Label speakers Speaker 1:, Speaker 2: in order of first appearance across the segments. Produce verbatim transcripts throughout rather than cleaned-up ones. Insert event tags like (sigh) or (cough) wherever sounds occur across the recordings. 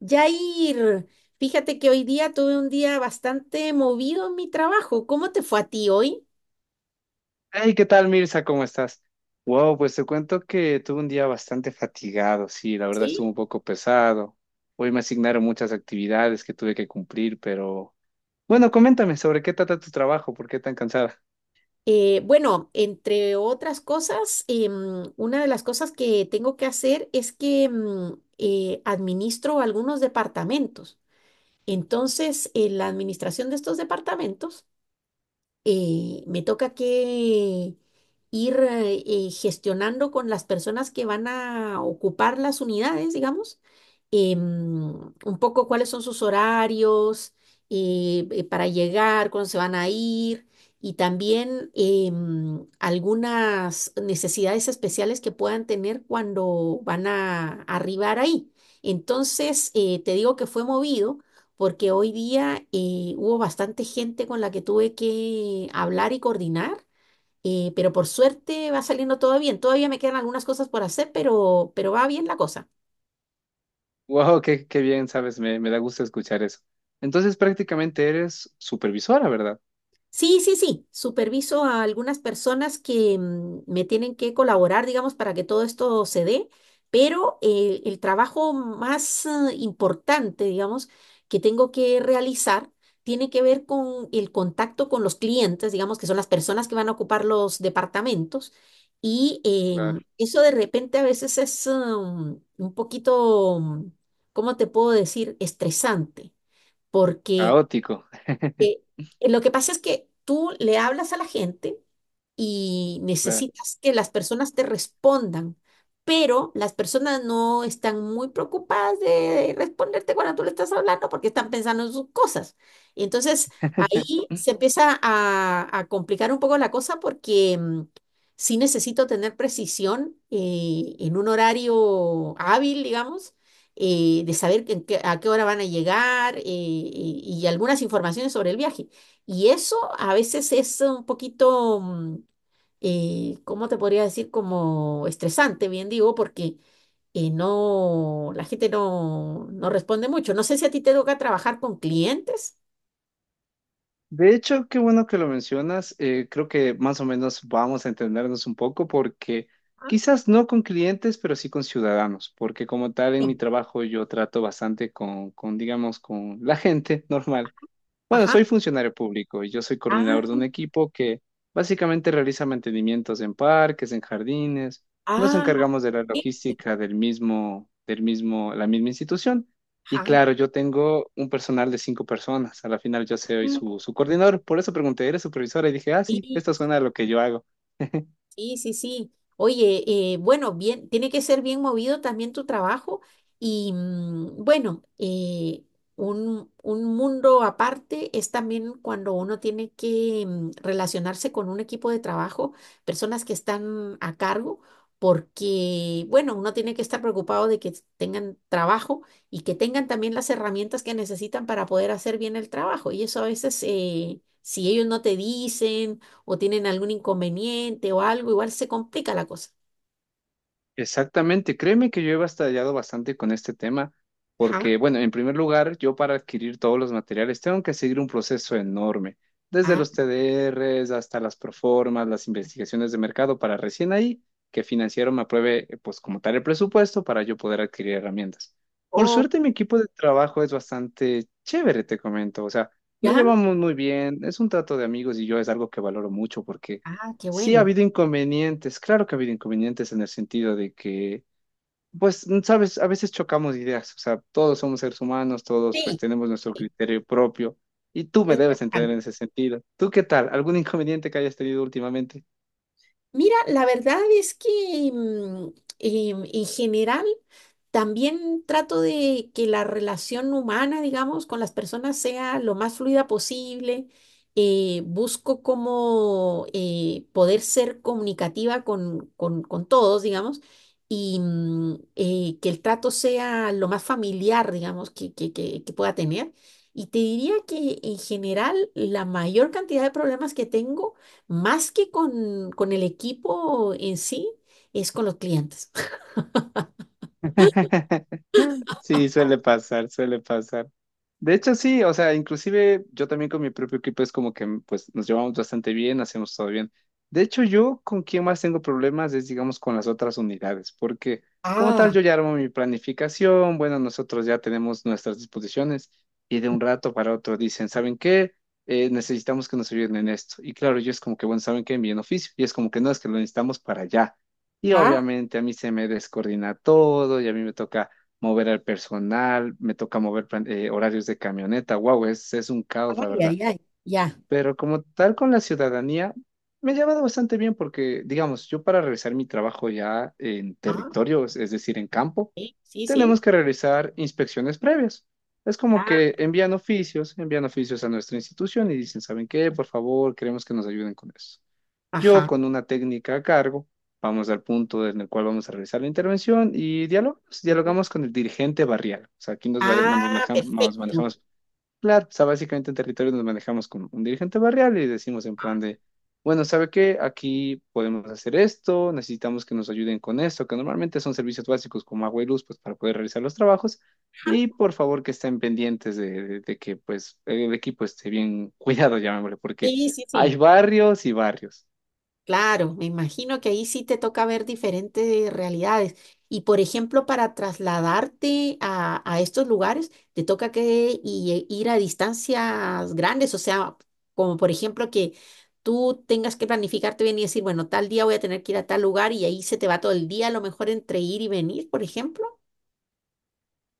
Speaker 1: Yair, fíjate que hoy día tuve un día bastante movido en mi trabajo. ¿Cómo te fue a ti hoy?
Speaker 2: Hey, ¿qué tal, Mirza? ¿Cómo estás? Wow, pues te cuento que tuve un día bastante fatigado, sí, la verdad
Speaker 1: Sí.
Speaker 2: estuvo un poco pesado. Hoy me asignaron muchas actividades que tuve que cumplir, pero
Speaker 1: Ok.
Speaker 2: bueno, coméntame sobre qué trata tu trabajo, por qué tan cansada. (laughs)
Speaker 1: Eh, bueno, entre otras cosas, em, una de las cosas que tengo que hacer es que em, eh, administro algunos departamentos. Entonces, en la administración de estos departamentos, eh, me toca que ir eh, eh, gestionando con las personas que van a ocupar las unidades, digamos, em, un poco cuáles son sus horarios eh, eh, para llegar, cuándo se van a ir. Y también em, algunas necesidades especiales que puedan tener cuando van a arribar ahí. Entonces, eh, te digo que fue movido porque hoy día eh, hubo bastante gente con la que tuve que hablar y coordinar, eh, pero por suerte va saliendo todo bien. Todavía me quedan algunas cosas por hacer, pero, pero va bien la cosa.
Speaker 2: Wow, qué, qué bien, sabes, me, me da gusto escuchar eso. Entonces prácticamente eres supervisora, ¿verdad?
Speaker 1: Sí, sí, sí. Superviso a algunas personas que mm, me tienen que colaborar, digamos, para que todo esto se dé, pero eh, el trabajo más eh, importante, digamos, que tengo que realizar tiene que ver con el contacto con los clientes, digamos, que son las personas que van a ocupar los departamentos. Y
Speaker 2: Claro.
Speaker 1: em, eso de repente a veces es um, un poquito, um, ¿cómo te puedo decir?, estresante, porque
Speaker 2: Caótico.
Speaker 1: eh, lo que pasa es que tú le hablas a la gente, y
Speaker 2: (laughs)
Speaker 1: necesitas que las personas te respondan, pero las personas no están muy preocupadas de responderte cuando tú le estás hablando porque están pensando en sus cosas. Y entonces ahí se empieza a, a complicar un poco la cosa porque mm, sí necesito tener precisión eh, en un horario hábil, digamos. eh, de saber en qué- a qué hora van a llegar eh, y y algunas informaciones sobre el viaje. Y eso a veces es un poquito, mm, eh, ¿cómo te podría decir? Como estresante, bien digo, porque eh, no, la gente no, no responde mucho. No sé si a ti te toca trabajar con clientes.
Speaker 2: De hecho, qué bueno que lo mencionas. Eh, creo que más o menos vamos a entendernos un poco porque
Speaker 1: Ah.
Speaker 2: quizás no con clientes, pero sí con ciudadanos, porque como tal en mi
Speaker 1: Sí.
Speaker 2: trabajo yo trato bastante con, con digamos, con la gente normal. Bueno,
Speaker 1: Ajá.
Speaker 2: soy funcionario público y yo soy coordinador
Speaker 1: Ah.
Speaker 2: de un equipo que básicamente realiza mantenimientos en parques, en jardines. Nos
Speaker 1: Ah,
Speaker 2: encargamos de la
Speaker 1: sí,
Speaker 2: logística del mismo, del mismo, la misma institución. Y
Speaker 1: ajá.
Speaker 2: claro, yo tengo un personal de cinco personas. A la final yo soy
Speaker 1: mm,
Speaker 2: su, su coordinador. Por eso pregunté, ¿eres supervisora? Y dije, ah, sí,
Speaker 1: Sí.
Speaker 2: esto suena a lo que yo hago.
Speaker 1: Sí, sí, sí. Oye, eh, bueno, bien, tiene que ser bien movido también tu trabajo y mm, bueno, eh, un, un mundo aparte es también cuando uno tiene que mm, relacionarse con un equipo de trabajo, personas que están a cargo, porque bueno, uno tiene que estar preocupado de que tengan trabajo y que tengan también las herramientas que necesitan para poder hacer bien el trabajo y eso a veces, eh, si ellos no te dicen o tienen algún inconveniente o algo, igual se complica la cosa.
Speaker 2: Exactamente, créeme que yo he batallado bastante con este tema,
Speaker 1: Ajá.
Speaker 2: porque, bueno, en primer lugar, yo para adquirir todos los materiales tengo que seguir un proceso enorme, desde
Speaker 1: Ah.
Speaker 2: los T D Rs hasta las proformas, las investigaciones de mercado, para recién ahí que financiero me apruebe, eh, pues, como tal el presupuesto para yo poder adquirir herramientas. Por
Speaker 1: Oh.
Speaker 2: suerte, mi equipo de trabajo es bastante chévere, te comento, o sea, nos
Speaker 1: Ya.
Speaker 2: llevamos muy bien, es un trato de amigos y yo es algo que valoro mucho porque
Speaker 1: Ah, qué
Speaker 2: sí ha
Speaker 1: bueno.
Speaker 2: habido inconvenientes, claro que ha habido inconvenientes en el sentido de que, pues, sabes, a veces chocamos ideas, o sea, todos somos seres humanos, todos pues
Speaker 1: Sí,
Speaker 2: tenemos nuestro
Speaker 1: sí,
Speaker 2: criterio propio y tú me
Speaker 1: es
Speaker 2: debes entender
Speaker 1: normal.
Speaker 2: en ese sentido. ¿Tú qué tal? ¿Algún inconveniente que hayas tenido últimamente?
Speaker 1: Mira, la verdad es que mm, em, en general también trato de que la relación humana, digamos, con las personas sea lo más fluida posible. Eh, busco como eh, poder ser comunicativa con, con, con todos, digamos, y mm, eh, que el trato sea lo más familiar, digamos, que, que, que, que pueda tener. Y te diría que en general la mayor cantidad de problemas que tengo, más que con, con el equipo en sí, es con los clientes.
Speaker 2: (laughs) Sí, suele pasar, suele pasar. De hecho, sí, o sea, inclusive yo también con mi propio equipo es como que mm, pues nos llevamos bastante bien, hacemos todo bien. De hecho, yo con quien más tengo problemas es, digamos, con las otras unidades, porque como tal yo ya armo mi planificación, bueno, nosotros ya tenemos nuestras disposiciones y de un rato para otro dicen, ¿saben qué? Eh, necesitamos que nos ayuden en esto. Y claro, yo es como que, bueno, ¿saben qué? Envíen oficio. Y es como que no, es que lo necesitamos para allá. Y
Speaker 1: (laughs)
Speaker 2: obviamente a mí se me descoordina todo y a mí me toca mover al personal, me toca mover plan- eh, horarios de camioneta. Wow, es, es un caos, la
Speaker 1: Ay, ay,
Speaker 2: verdad.
Speaker 1: ay, ya.
Speaker 2: Pero como tal con la ciudadanía, me he llevado bastante bien porque, digamos, yo para realizar mi trabajo ya en
Speaker 1: Ah,
Speaker 2: territorio, es es decir, en campo,
Speaker 1: sí, sí,
Speaker 2: tenemos
Speaker 1: sí.
Speaker 2: que realizar inspecciones previas. Es como
Speaker 1: Ah,
Speaker 2: que envían oficios, envían oficios a nuestra institución y dicen, ¿saben qué? Por favor, queremos que nos ayuden con eso. Yo
Speaker 1: ajá.
Speaker 2: con una técnica a cargo, vamos al punto en el cual vamos a realizar la intervención y dialogamos, dialogamos con el dirigente barrial. O sea, aquí nos, vare- nos
Speaker 1: Ah,
Speaker 2: maneja- nos
Speaker 1: perfecto.
Speaker 2: manejamos, claro, o sea, básicamente en territorio nos manejamos con un dirigente barrial y decimos en plan de, bueno, ¿sabe qué? Aquí podemos hacer esto, necesitamos que nos ayuden con esto, que normalmente son servicios básicos como agua y luz, pues para poder realizar los trabajos.
Speaker 1: Ajá.
Speaker 2: Y por favor que estén pendientes de, de de que pues el equipo esté bien (laughs) cuidado, llamémosle, porque
Speaker 1: Sí, sí, sí.
Speaker 2: hay barrios y barrios.
Speaker 1: Claro, me imagino que ahí sí te toca ver diferentes realidades. Y por ejemplo, para trasladarte a, a estos lugares, te toca que y- ir a distancias grandes, o sea, como por ejemplo que tú tengas que planificarte bien y decir, bueno, tal día voy a tener que ir a tal lugar y ahí se te va todo el día, a lo mejor entre ir y venir, por ejemplo.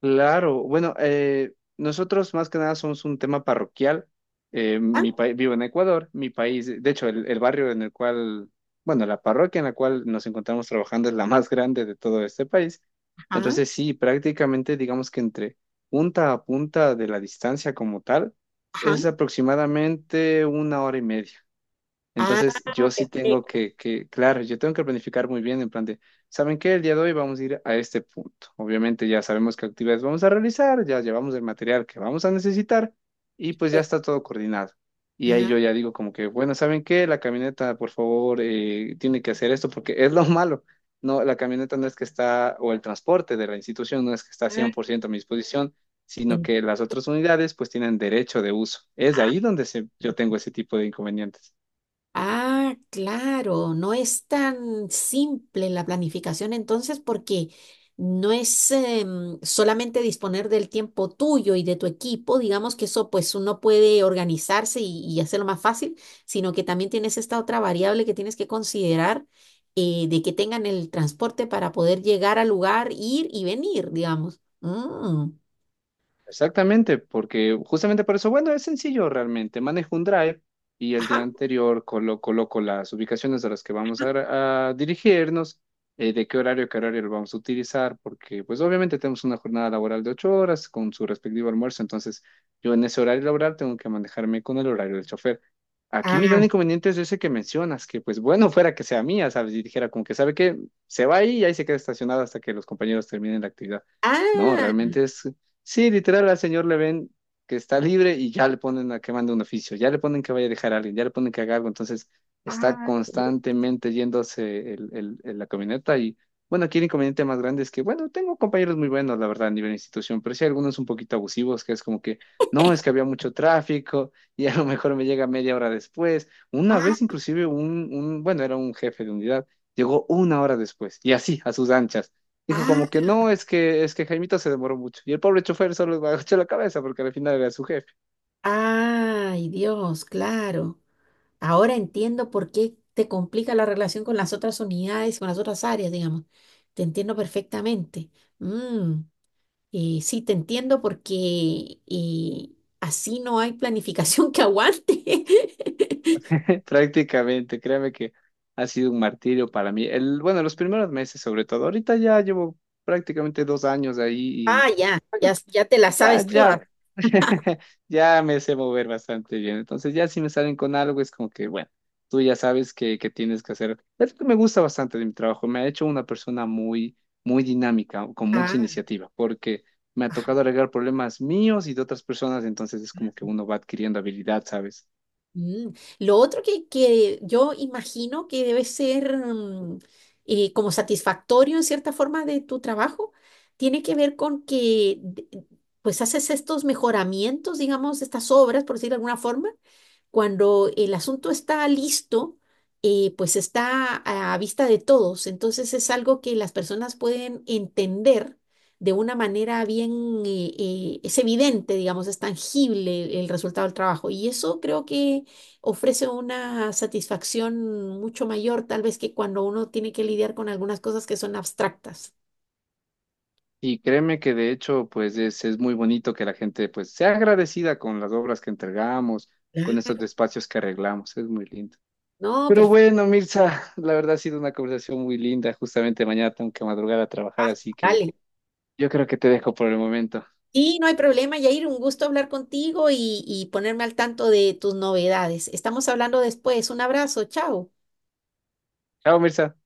Speaker 2: Claro, bueno, eh, nosotros más que nada somos un tema parroquial. Eh,
Speaker 1: Ah.
Speaker 2: mi país, vivo en Ecuador, mi país, de hecho, el, el barrio en el cual, bueno, la parroquia en la cual nos encontramos trabajando es la más grande de todo este país.
Speaker 1: Ajá,
Speaker 2: Entonces, sí, prácticamente digamos que entre punta a punta de la distancia como tal
Speaker 1: ajá.
Speaker 2: es aproximadamente una hora y media.
Speaker 1: Ah,
Speaker 2: Entonces, yo sí tengo
Speaker 1: perfecto,
Speaker 2: que, que, claro, yo tengo que planificar muy bien en plan de, ¿saben qué? El día de hoy vamos a ir a este punto. Obviamente ya sabemos qué actividades vamos a realizar, ya llevamos el material que vamos a necesitar y pues ya
Speaker 1: perfecto.
Speaker 2: está todo coordinado. Y ahí yo ya digo como que, bueno, ¿saben qué? La camioneta, por favor, eh, tiene que hacer esto porque es lo malo. No, la camioneta no es que está, o el transporte de la institución no es que está
Speaker 1: Ah.
Speaker 2: cien por ciento a mi disposición, sino
Speaker 1: en-
Speaker 2: que las otras unidades pues tienen derecho de uso. Es
Speaker 1: ah,
Speaker 2: ahí donde se- yo tengo ese tipo de inconvenientes.
Speaker 1: ah, claro, no es tan simple la planificación entonces porque no es em, solamente disponer del tiempo tuyo y de tu equipo, digamos que eso pues uno puede organizarse y, y hacerlo más fácil, sino que también tienes esta otra variable que tienes que considerar eh, de que tengan el transporte para poder llegar al lugar, ir y venir, digamos. Mm.
Speaker 2: Exactamente, porque justamente por eso, bueno, es sencillo realmente. Manejo un drive y el
Speaker 1: Ajá.
Speaker 2: día anterior colo- coloco las ubicaciones a las que vamos a, gra- a dirigirnos, eh, de qué horario, qué horario lo vamos a utilizar, porque pues obviamente tenemos una jornada laboral de ocho horas con su respectivo almuerzo, entonces yo en ese horario laboral tengo que manejarme con el horario del chofer. Aquí mi gran
Speaker 1: Ah,
Speaker 2: inconveniente es ese que mencionas, que pues bueno, (laughs) fuera que sea mía, ¿sabes? Y dijera como que sabe que se va ahí y ahí se queda estacionado hasta que los compañeros terminen la actividad. No,
Speaker 1: ah.
Speaker 2: realmente es... Sí, literal, al señor le ven que está libre y ya le ponen a que mande un oficio, ya le ponen que vaya a dejar a alguien, ya le ponen que haga algo, entonces está
Speaker 1: Ah,
Speaker 2: constantemente yéndose el, el- el- la camioneta y bueno, aquí el inconveniente más grande es que, bueno, tengo compañeros muy buenos, la verdad, a nivel de institución, pero sí hay algunos un poquito abusivos, que es como que, no, es que había mucho tráfico y a lo mejor me llega media hora después. Una
Speaker 1: ah,
Speaker 2: vez inclusive un, un bueno, era un jefe de unidad, llegó una hora después y así, a sus anchas. Dijo como que no, es que, es que Jaimito se demoró mucho. Y el pobre chofer solo agachó la cabeza porque al final era su jefe.
Speaker 1: ah, ay, Dios, claro. Ahora entiendo por qué te complica la relación con las otras unidades, con las otras áreas, digamos. Te entiendo perfectamente. Mm, eh, sí, te entiendo porque eh, así no hay planificación que aguante. (laughs)
Speaker 2: (laughs) Prácticamente, créame que ha sido un martirio para mí. El, bueno, los primeros meses sobre todo. Ahorita ya llevo prácticamente dos años ahí y
Speaker 1: Ah, ya,
Speaker 2: bueno,
Speaker 1: ya, ya te la
Speaker 2: ya,
Speaker 1: sabes todas.
Speaker 2: ya, (laughs) ya me sé mover bastante bien. Entonces, ya si me salen con algo, es como que, bueno, tú ya sabes que, que tienes que hacer. Es lo que me gusta bastante de mi trabajo. Me ha hecho una persona muy, muy dinámica, con mucha iniciativa, porque me ha tocado arreglar problemas míos y de otras personas. Entonces, es como que uno va adquiriendo habilidad, ¿sabes?
Speaker 1: Mm. Lo otro que, que yo imagino que debe ser mm, eh, como satisfactorio en cierta forma de tu trabajo, tiene que ver con que de- pues haces estos mejoramientos, digamos, estas obras, por decirlo de alguna forma, cuando el asunto está listo, eh, pues está a, a vista de todos. Entonces es algo que las personas pueden entender de una manera bien, eh, eh, es evidente, digamos, es tangible el resultado del trabajo. Y eso creo que ofrece una satisfacción mucho mayor, tal vez que cuando uno tiene que lidiar con algunas cosas que son abstractas.
Speaker 2: Y créeme que de hecho, pues es, es muy bonito que la gente, pues, sea agradecida con las obras que entregamos, con estos
Speaker 1: Claro.
Speaker 2: espacios que arreglamos. Es muy lindo.
Speaker 1: No,
Speaker 2: Pero
Speaker 1: perfecto.
Speaker 2: bueno, Mirza, la verdad ha sido una conversación muy linda. Justamente mañana tengo que madrugar a trabajar,
Speaker 1: Ah,
Speaker 2: así que
Speaker 1: dale.
Speaker 2: yo creo que te dejo por el momento.
Speaker 1: Sí, no hay problema, Yair. Un gusto hablar contigo y, y ponerme al tanto de tus novedades. Estamos hablando después. Un abrazo, chao.
Speaker 2: Chao, Mirza.